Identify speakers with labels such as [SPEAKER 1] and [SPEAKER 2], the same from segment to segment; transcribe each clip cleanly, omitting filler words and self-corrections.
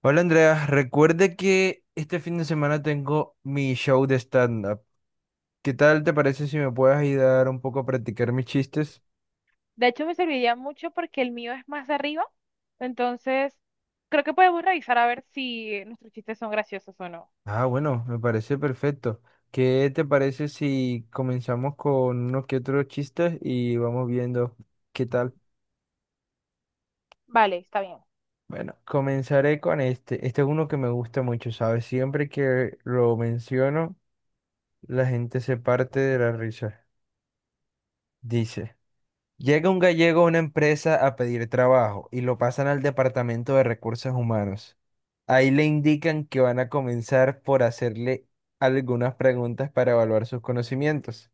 [SPEAKER 1] Hola Andrea, recuerde que este fin de semana tengo mi show de stand-up. ¿Qué tal te parece si me puedes ayudar un poco a practicar mis chistes?
[SPEAKER 2] De hecho, me serviría mucho porque el mío es más arriba. Entonces, creo que podemos revisar a ver si nuestros chistes son graciosos o no.
[SPEAKER 1] Ah, bueno, me parece perfecto. ¿Qué te parece si comenzamos con unos que otros chistes y vamos viendo qué tal?
[SPEAKER 2] Vale, está bien.
[SPEAKER 1] Bueno, comenzaré con este. Este es uno que me gusta mucho, ¿sabes? Siempre que lo menciono, la gente se parte de la risa. Dice. Llega un gallego a una empresa a pedir trabajo y lo pasan al departamento de recursos humanos. Ahí le indican que van a comenzar por hacerle algunas preguntas para evaluar sus conocimientos.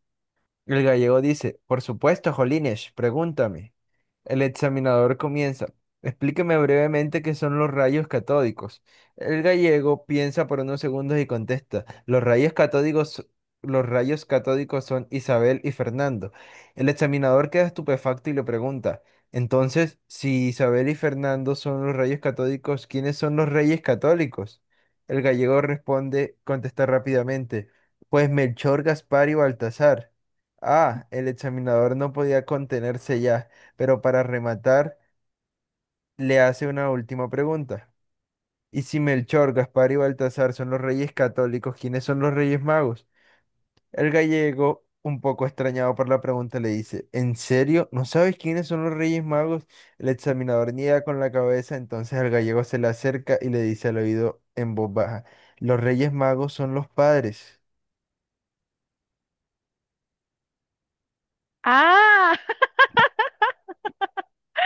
[SPEAKER 1] El gallego dice, por supuesto, Jolines, pregúntame. El examinador comienza, explíqueme brevemente qué son los rayos catódicos. El gallego piensa por unos segundos y contesta, los rayos catódicos son Isabel y Fernando. El examinador queda estupefacto y le pregunta, entonces, si Isabel y Fernando son los rayos catódicos, ¿quiénes son los reyes católicos? El gallego responde, contesta rápidamente, pues Melchor, Gaspar y Baltasar. Ah, el examinador no podía contenerse ya, pero para rematar, le hace una última pregunta. ¿Y si Melchor, Gaspar y Baltasar son los reyes católicos, quiénes son los reyes magos? El gallego, un poco extrañado por la pregunta, le dice, ¿en serio? ¿No sabes quiénes son los reyes magos? El examinador niega con la cabeza, entonces el gallego se le acerca y le dice al oído en voz baja, los reyes magos son los padres.
[SPEAKER 2] Ah,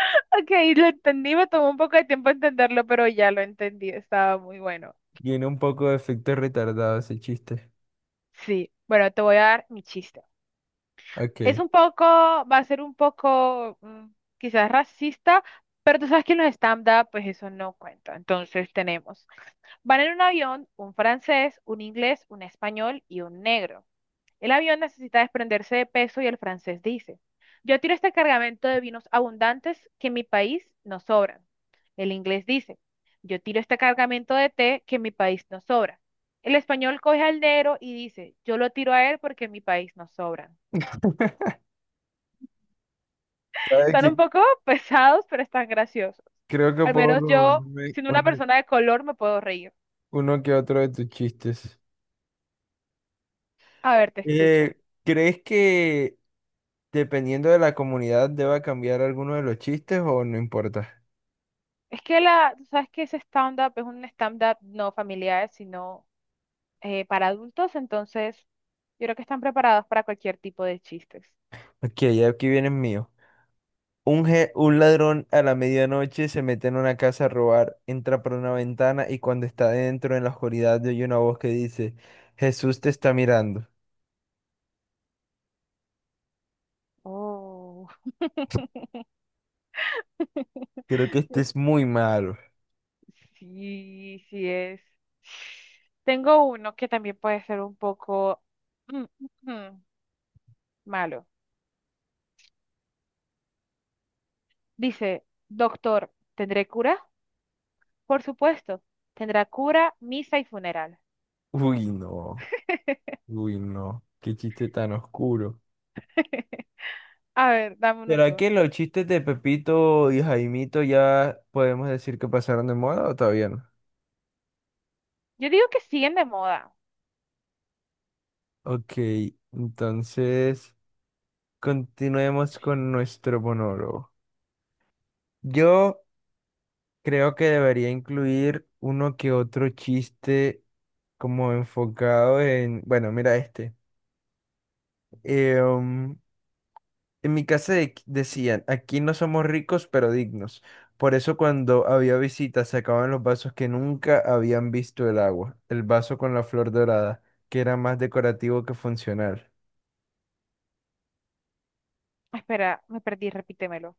[SPEAKER 2] ok, lo entendí, me tomó un poco de tiempo entenderlo, pero ya lo entendí, estaba muy bueno.
[SPEAKER 1] Tiene un poco de efecto retardado ese chiste.
[SPEAKER 2] Sí, bueno, te voy a dar mi chiste. Es
[SPEAKER 1] Ok.
[SPEAKER 2] un poco, va a ser un poco quizás racista, pero tú sabes que en los stand-up pues eso no cuenta. Entonces tenemos, van en un avión un francés, un inglés, un español y un negro. El avión necesita desprenderse de peso y el francés dice, yo tiro este cargamento de vinos abundantes que en mi país no sobran. El inglés dice, yo tiro este cargamento de té que en mi país no sobra. El español coge al negro y dice, yo lo tiro a él porque en mi país no sobran.
[SPEAKER 1] ¿Sabes
[SPEAKER 2] Están un
[SPEAKER 1] qué?
[SPEAKER 2] poco pesados, pero están graciosos.
[SPEAKER 1] Creo que
[SPEAKER 2] Al
[SPEAKER 1] puedo
[SPEAKER 2] menos yo,
[SPEAKER 1] robarme
[SPEAKER 2] siendo una
[SPEAKER 1] una-
[SPEAKER 2] persona de color, me puedo reír.
[SPEAKER 1] uno que otro de tus chistes.
[SPEAKER 2] A ver, te escucho.
[SPEAKER 1] Eh, ¿Crees que dependiendo de la comunidad deba cambiar alguno de los chistes o no importa?
[SPEAKER 2] Es que la, tú sabes que ese stand-up es un stand-up no familiar, sino para adultos, entonces yo creo que están preparados para cualquier tipo de chistes.
[SPEAKER 1] Ok, aquí viene el mío. Un ladrón a la medianoche se mete en una casa a robar, entra por una ventana y cuando está dentro en la oscuridad oye una voz que dice, Jesús te está mirando.
[SPEAKER 2] Oh,
[SPEAKER 1] Creo que este es muy malo.
[SPEAKER 2] Sí, sí es. Tengo uno que también puede ser un poco mm, mm, mm, malo. Dice, doctor, ¿tendré cura? Por supuesto, tendrá cura, misa y funeral.
[SPEAKER 1] Uy, no. Uy, no. Qué chiste tan oscuro.
[SPEAKER 2] A ver, dame uno
[SPEAKER 1] ¿Será
[SPEAKER 2] tú.
[SPEAKER 1] que los chistes de Pepito y Jaimito ya podemos decir que pasaron de moda o todavía no?
[SPEAKER 2] Yo digo que siguen de moda.
[SPEAKER 1] Ok, entonces continuemos con nuestro monólogo. Yo creo que debería incluir uno que otro chiste como enfocado en, bueno, mira este. em, En mi decían, aquí no somos ricos, pero dignos. Por eso cuando había visitas sacaban los vasos que nunca habían visto el agua, el vaso con la flor dorada, que era más decorativo que funcional.
[SPEAKER 2] Espera, me perdí, repítemelo.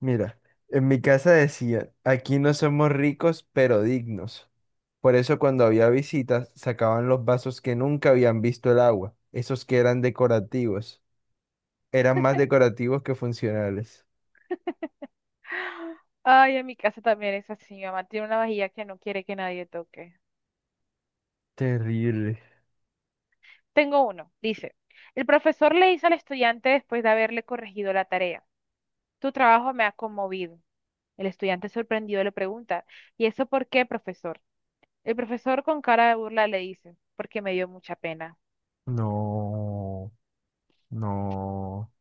[SPEAKER 1] Mira, en mi casa decían, aquí no somos ricos, pero dignos. Por eso cuando había visitas sacaban los vasos que nunca habían visto el agua, esos que eran decorativos, eran más decorativos que funcionales.
[SPEAKER 2] Ay, en mi casa también es así. Mi mamá tiene una vajilla que no quiere que nadie toque.
[SPEAKER 1] Terrible.
[SPEAKER 2] Tengo uno. Dice, el profesor le hizo al estudiante después de haberle corregido la tarea. Tu trabajo me ha conmovido. El estudiante sorprendido le pregunta, ¿y eso por qué, profesor? El profesor con cara de burla le dice, porque me dio mucha pena.
[SPEAKER 1] No, no.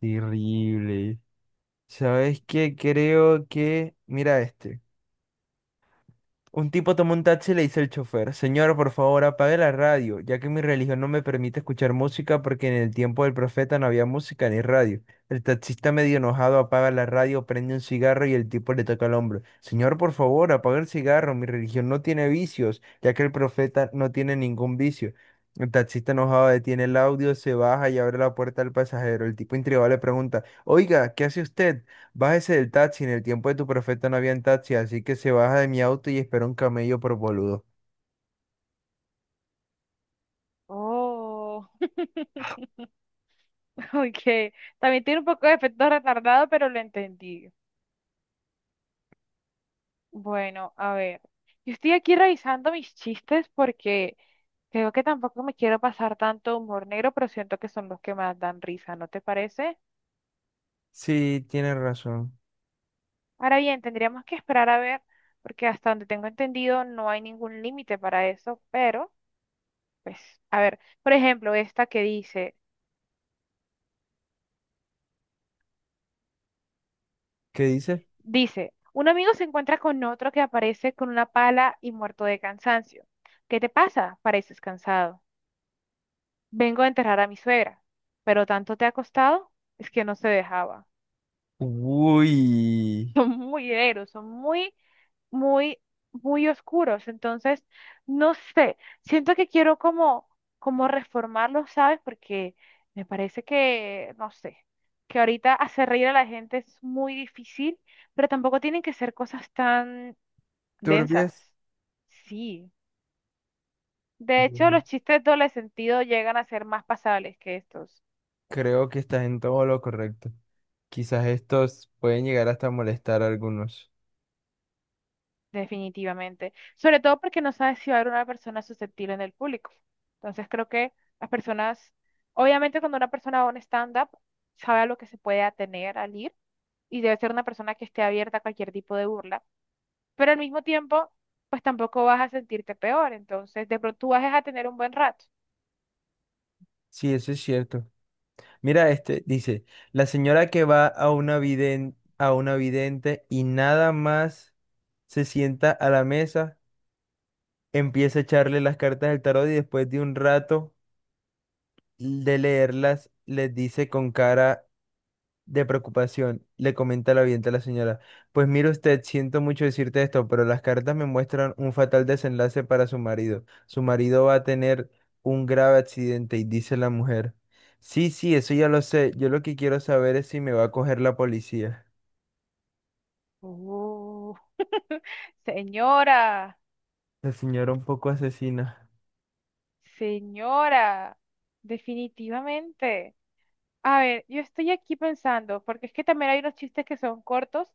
[SPEAKER 1] Terrible. ¿Sabes qué? Creo que, mira este. Un tipo tomó un taxi y le dice al chofer, señor, por favor, apague la radio, ya que mi religión no me permite escuchar música porque en el tiempo del profeta no había música ni radio. El taxista medio enojado apaga la radio, prende un cigarro y el tipo le toca el hombro. Señor, por favor, apague el cigarro, mi religión no tiene vicios, ya que el profeta no tiene ningún vicio. El taxista enojado detiene el audio, se baja y abre la puerta al pasajero. El tipo intrigado le pregunta, oiga, ¿qué hace usted? Bájese del taxi, en el tiempo de tu profeta no había taxi, así que se baja de mi auto y espera un camello por boludo.
[SPEAKER 2] Oh, ok. También tiene un poco de efecto retardado, pero lo entendí. Bueno, a ver. Yo estoy aquí revisando mis chistes porque... Creo que tampoco me quiero pasar tanto humor negro, pero siento que son los que más dan risa, ¿no te parece?
[SPEAKER 1] Sí, tienes razón.
[SPEAKER 2] Ahora bien, tendríamos que esperar a ver, porque hasta donde tengo entendido no hay ningún límite para eso, pero, pues, a ver, por ejemplo, esta que dice,
[SPEAKER 1] ¿Qué dice?
[SPEAKER 2] dice, un amigo se encuentra con otro que aparece con una pala y muerto de cansancio. ¿Qué te pasa? Pareces cansado. Vengo a enterrar a mi suegra, pero tanto te ha costado, es que no se dejaba.
[SPEAKER 1] Uy,
[SPEAKER 2] Son muy negros, son muy, muy oscuros. Entonces, no sé, siento que quiero como reformarlos, ¿sabes? Porque me parece que, no sé, que ahorita hacer reír a la gente es muy difícil, pero tampoco tienen que ser cosas tan densas.
[SPEAKER 1] turbias.
[SPEAKER 2] Sí. De hecho,
[SPEAKER 1] Mm,
[SPEAKER 2] los chistes doble sentido llegan a ser más pasables que estos.
[SPEAKER 1] creo que estás en todo lo correcto. Quizás estos pueden llegar hasta molestar a algunos.
[SPEAKER 2] Definitivamente. Sobre todo porque no sabes si va a haber una persona susceptible en el público. Entonces creo que las personas, obviamente cuando una persona va a un stand-up, sabe a lo que se puede atener al ir y debe ser una persona que esté abierta a cualquier tipo de burla. Pero al mismo tiempo, pues tampoco vas a sentirte peor. Entonces de pronto tú vas a tener un buen rato.
[SPEAKER 1] Sí, eso es cierto. Mira, este dice, la señora que va a una a una vidente y nada más se sienta a la mesa, empieza a echarle las cartas del tarot y después de un rato de leerlas, les dice con cara de preocupación, le comenta la vidente a la señora, pues mire usted, siento mucho decirte esto, pero las cartas me muestran un fatal desenlace para su marido. Su marido va a tener un grave accidente, y dice la mujer. Sí, sí, eso ya lo sé. Yo lo que quiero saber es si me va a coger la policía.
[SPEAKER 2] Oh. Señora,
[SPEAKER 1] La señora un poco asesina.
[SPEAKER 2] señora, definitivamente. A ver, yo estoy aquí pensando, porque es que también hay unos chistes que son cortos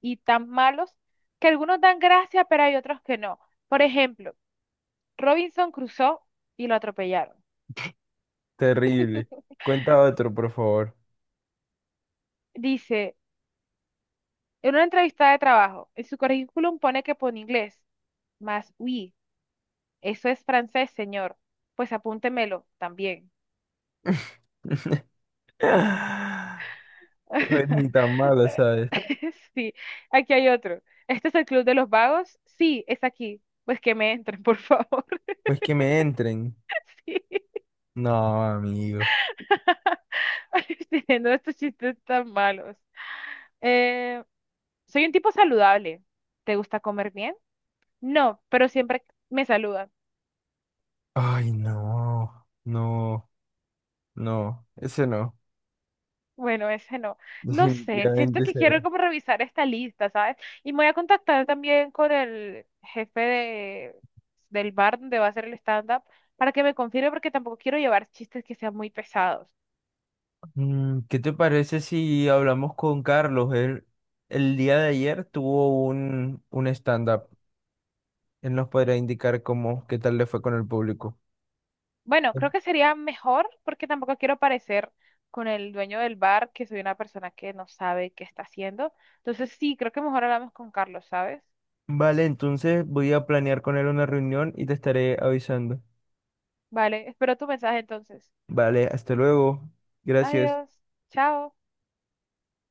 [SPEAKER 2] y tan malos que algunos dan gracia, pero hay otros que no. Por ejemplo, Robinson cruzó y lo atropellaron.
[SPEAKER 1] Terrible. Cuenta otro, por favor.
[SPEAKER 2] Dice, en una entrevista de trabajo, en su currículum pone que pone inglés, más oui, eso es francés, señor. Pues apúntemelo también.
[SPEAKER 1] No es ni tan malo, ¿sabes?
[SPEAKER 2] Sí, aquí hay otro. ¿Este es el Club de los Vagos? Sí, es aquí. Pues que me entren, por favor.
[SPEAKER 1] Pues que me entren. No, amigo.
[SPEAKER 2] teniendo estos chistes tan malos. Eh, soy un tipo saludable. ¿Te gusta comer bien? No, pero siempre me saludan.
[SPEAKER 1] Ay, no, no, no, ese no.
[SPEAKER 2] Bueno, ese no. No sé,
[SPEAKER 1] Definitivamente
[SPEAKER 2] siento que
[SPEAKER 1] ese
[SPEAKER 2] quiero
[SPEAKER 1] no.
[SPEAKER 2] como revisar esta lista, ¿sabes? Y me voy a contactar también con el jefe de, del bar donde va a hacer el stand-up para que me confirme porque tampoco quiero llevar chistes que sean muy pesados.
[SPEAKER 1] Mm, ¿qué te parece si hablamos con Carlos? Él el día de ayer tuvo un stand-up. Él nos podrá indicar cómo, qué tal le fue con el público.
[SPEAKER 2] Bueno, creo que sería mejor porque tampoco quiero parecer con el dueño del bar que soy una persona que no sabe qué está haciendo. Entonces sí, creo que mejor hablamos con Carlos, ¿sabes?
[SPEAKER 1] Vale, entonces voy a planear con él una reunión y te estaré avisando.
[SPEAKER 2] Vale, espero tu mensaje entonces.
[SPEAKER 1] Vale, hasta luego. Gracias.
[SPEAKER 2] Adiós, chao.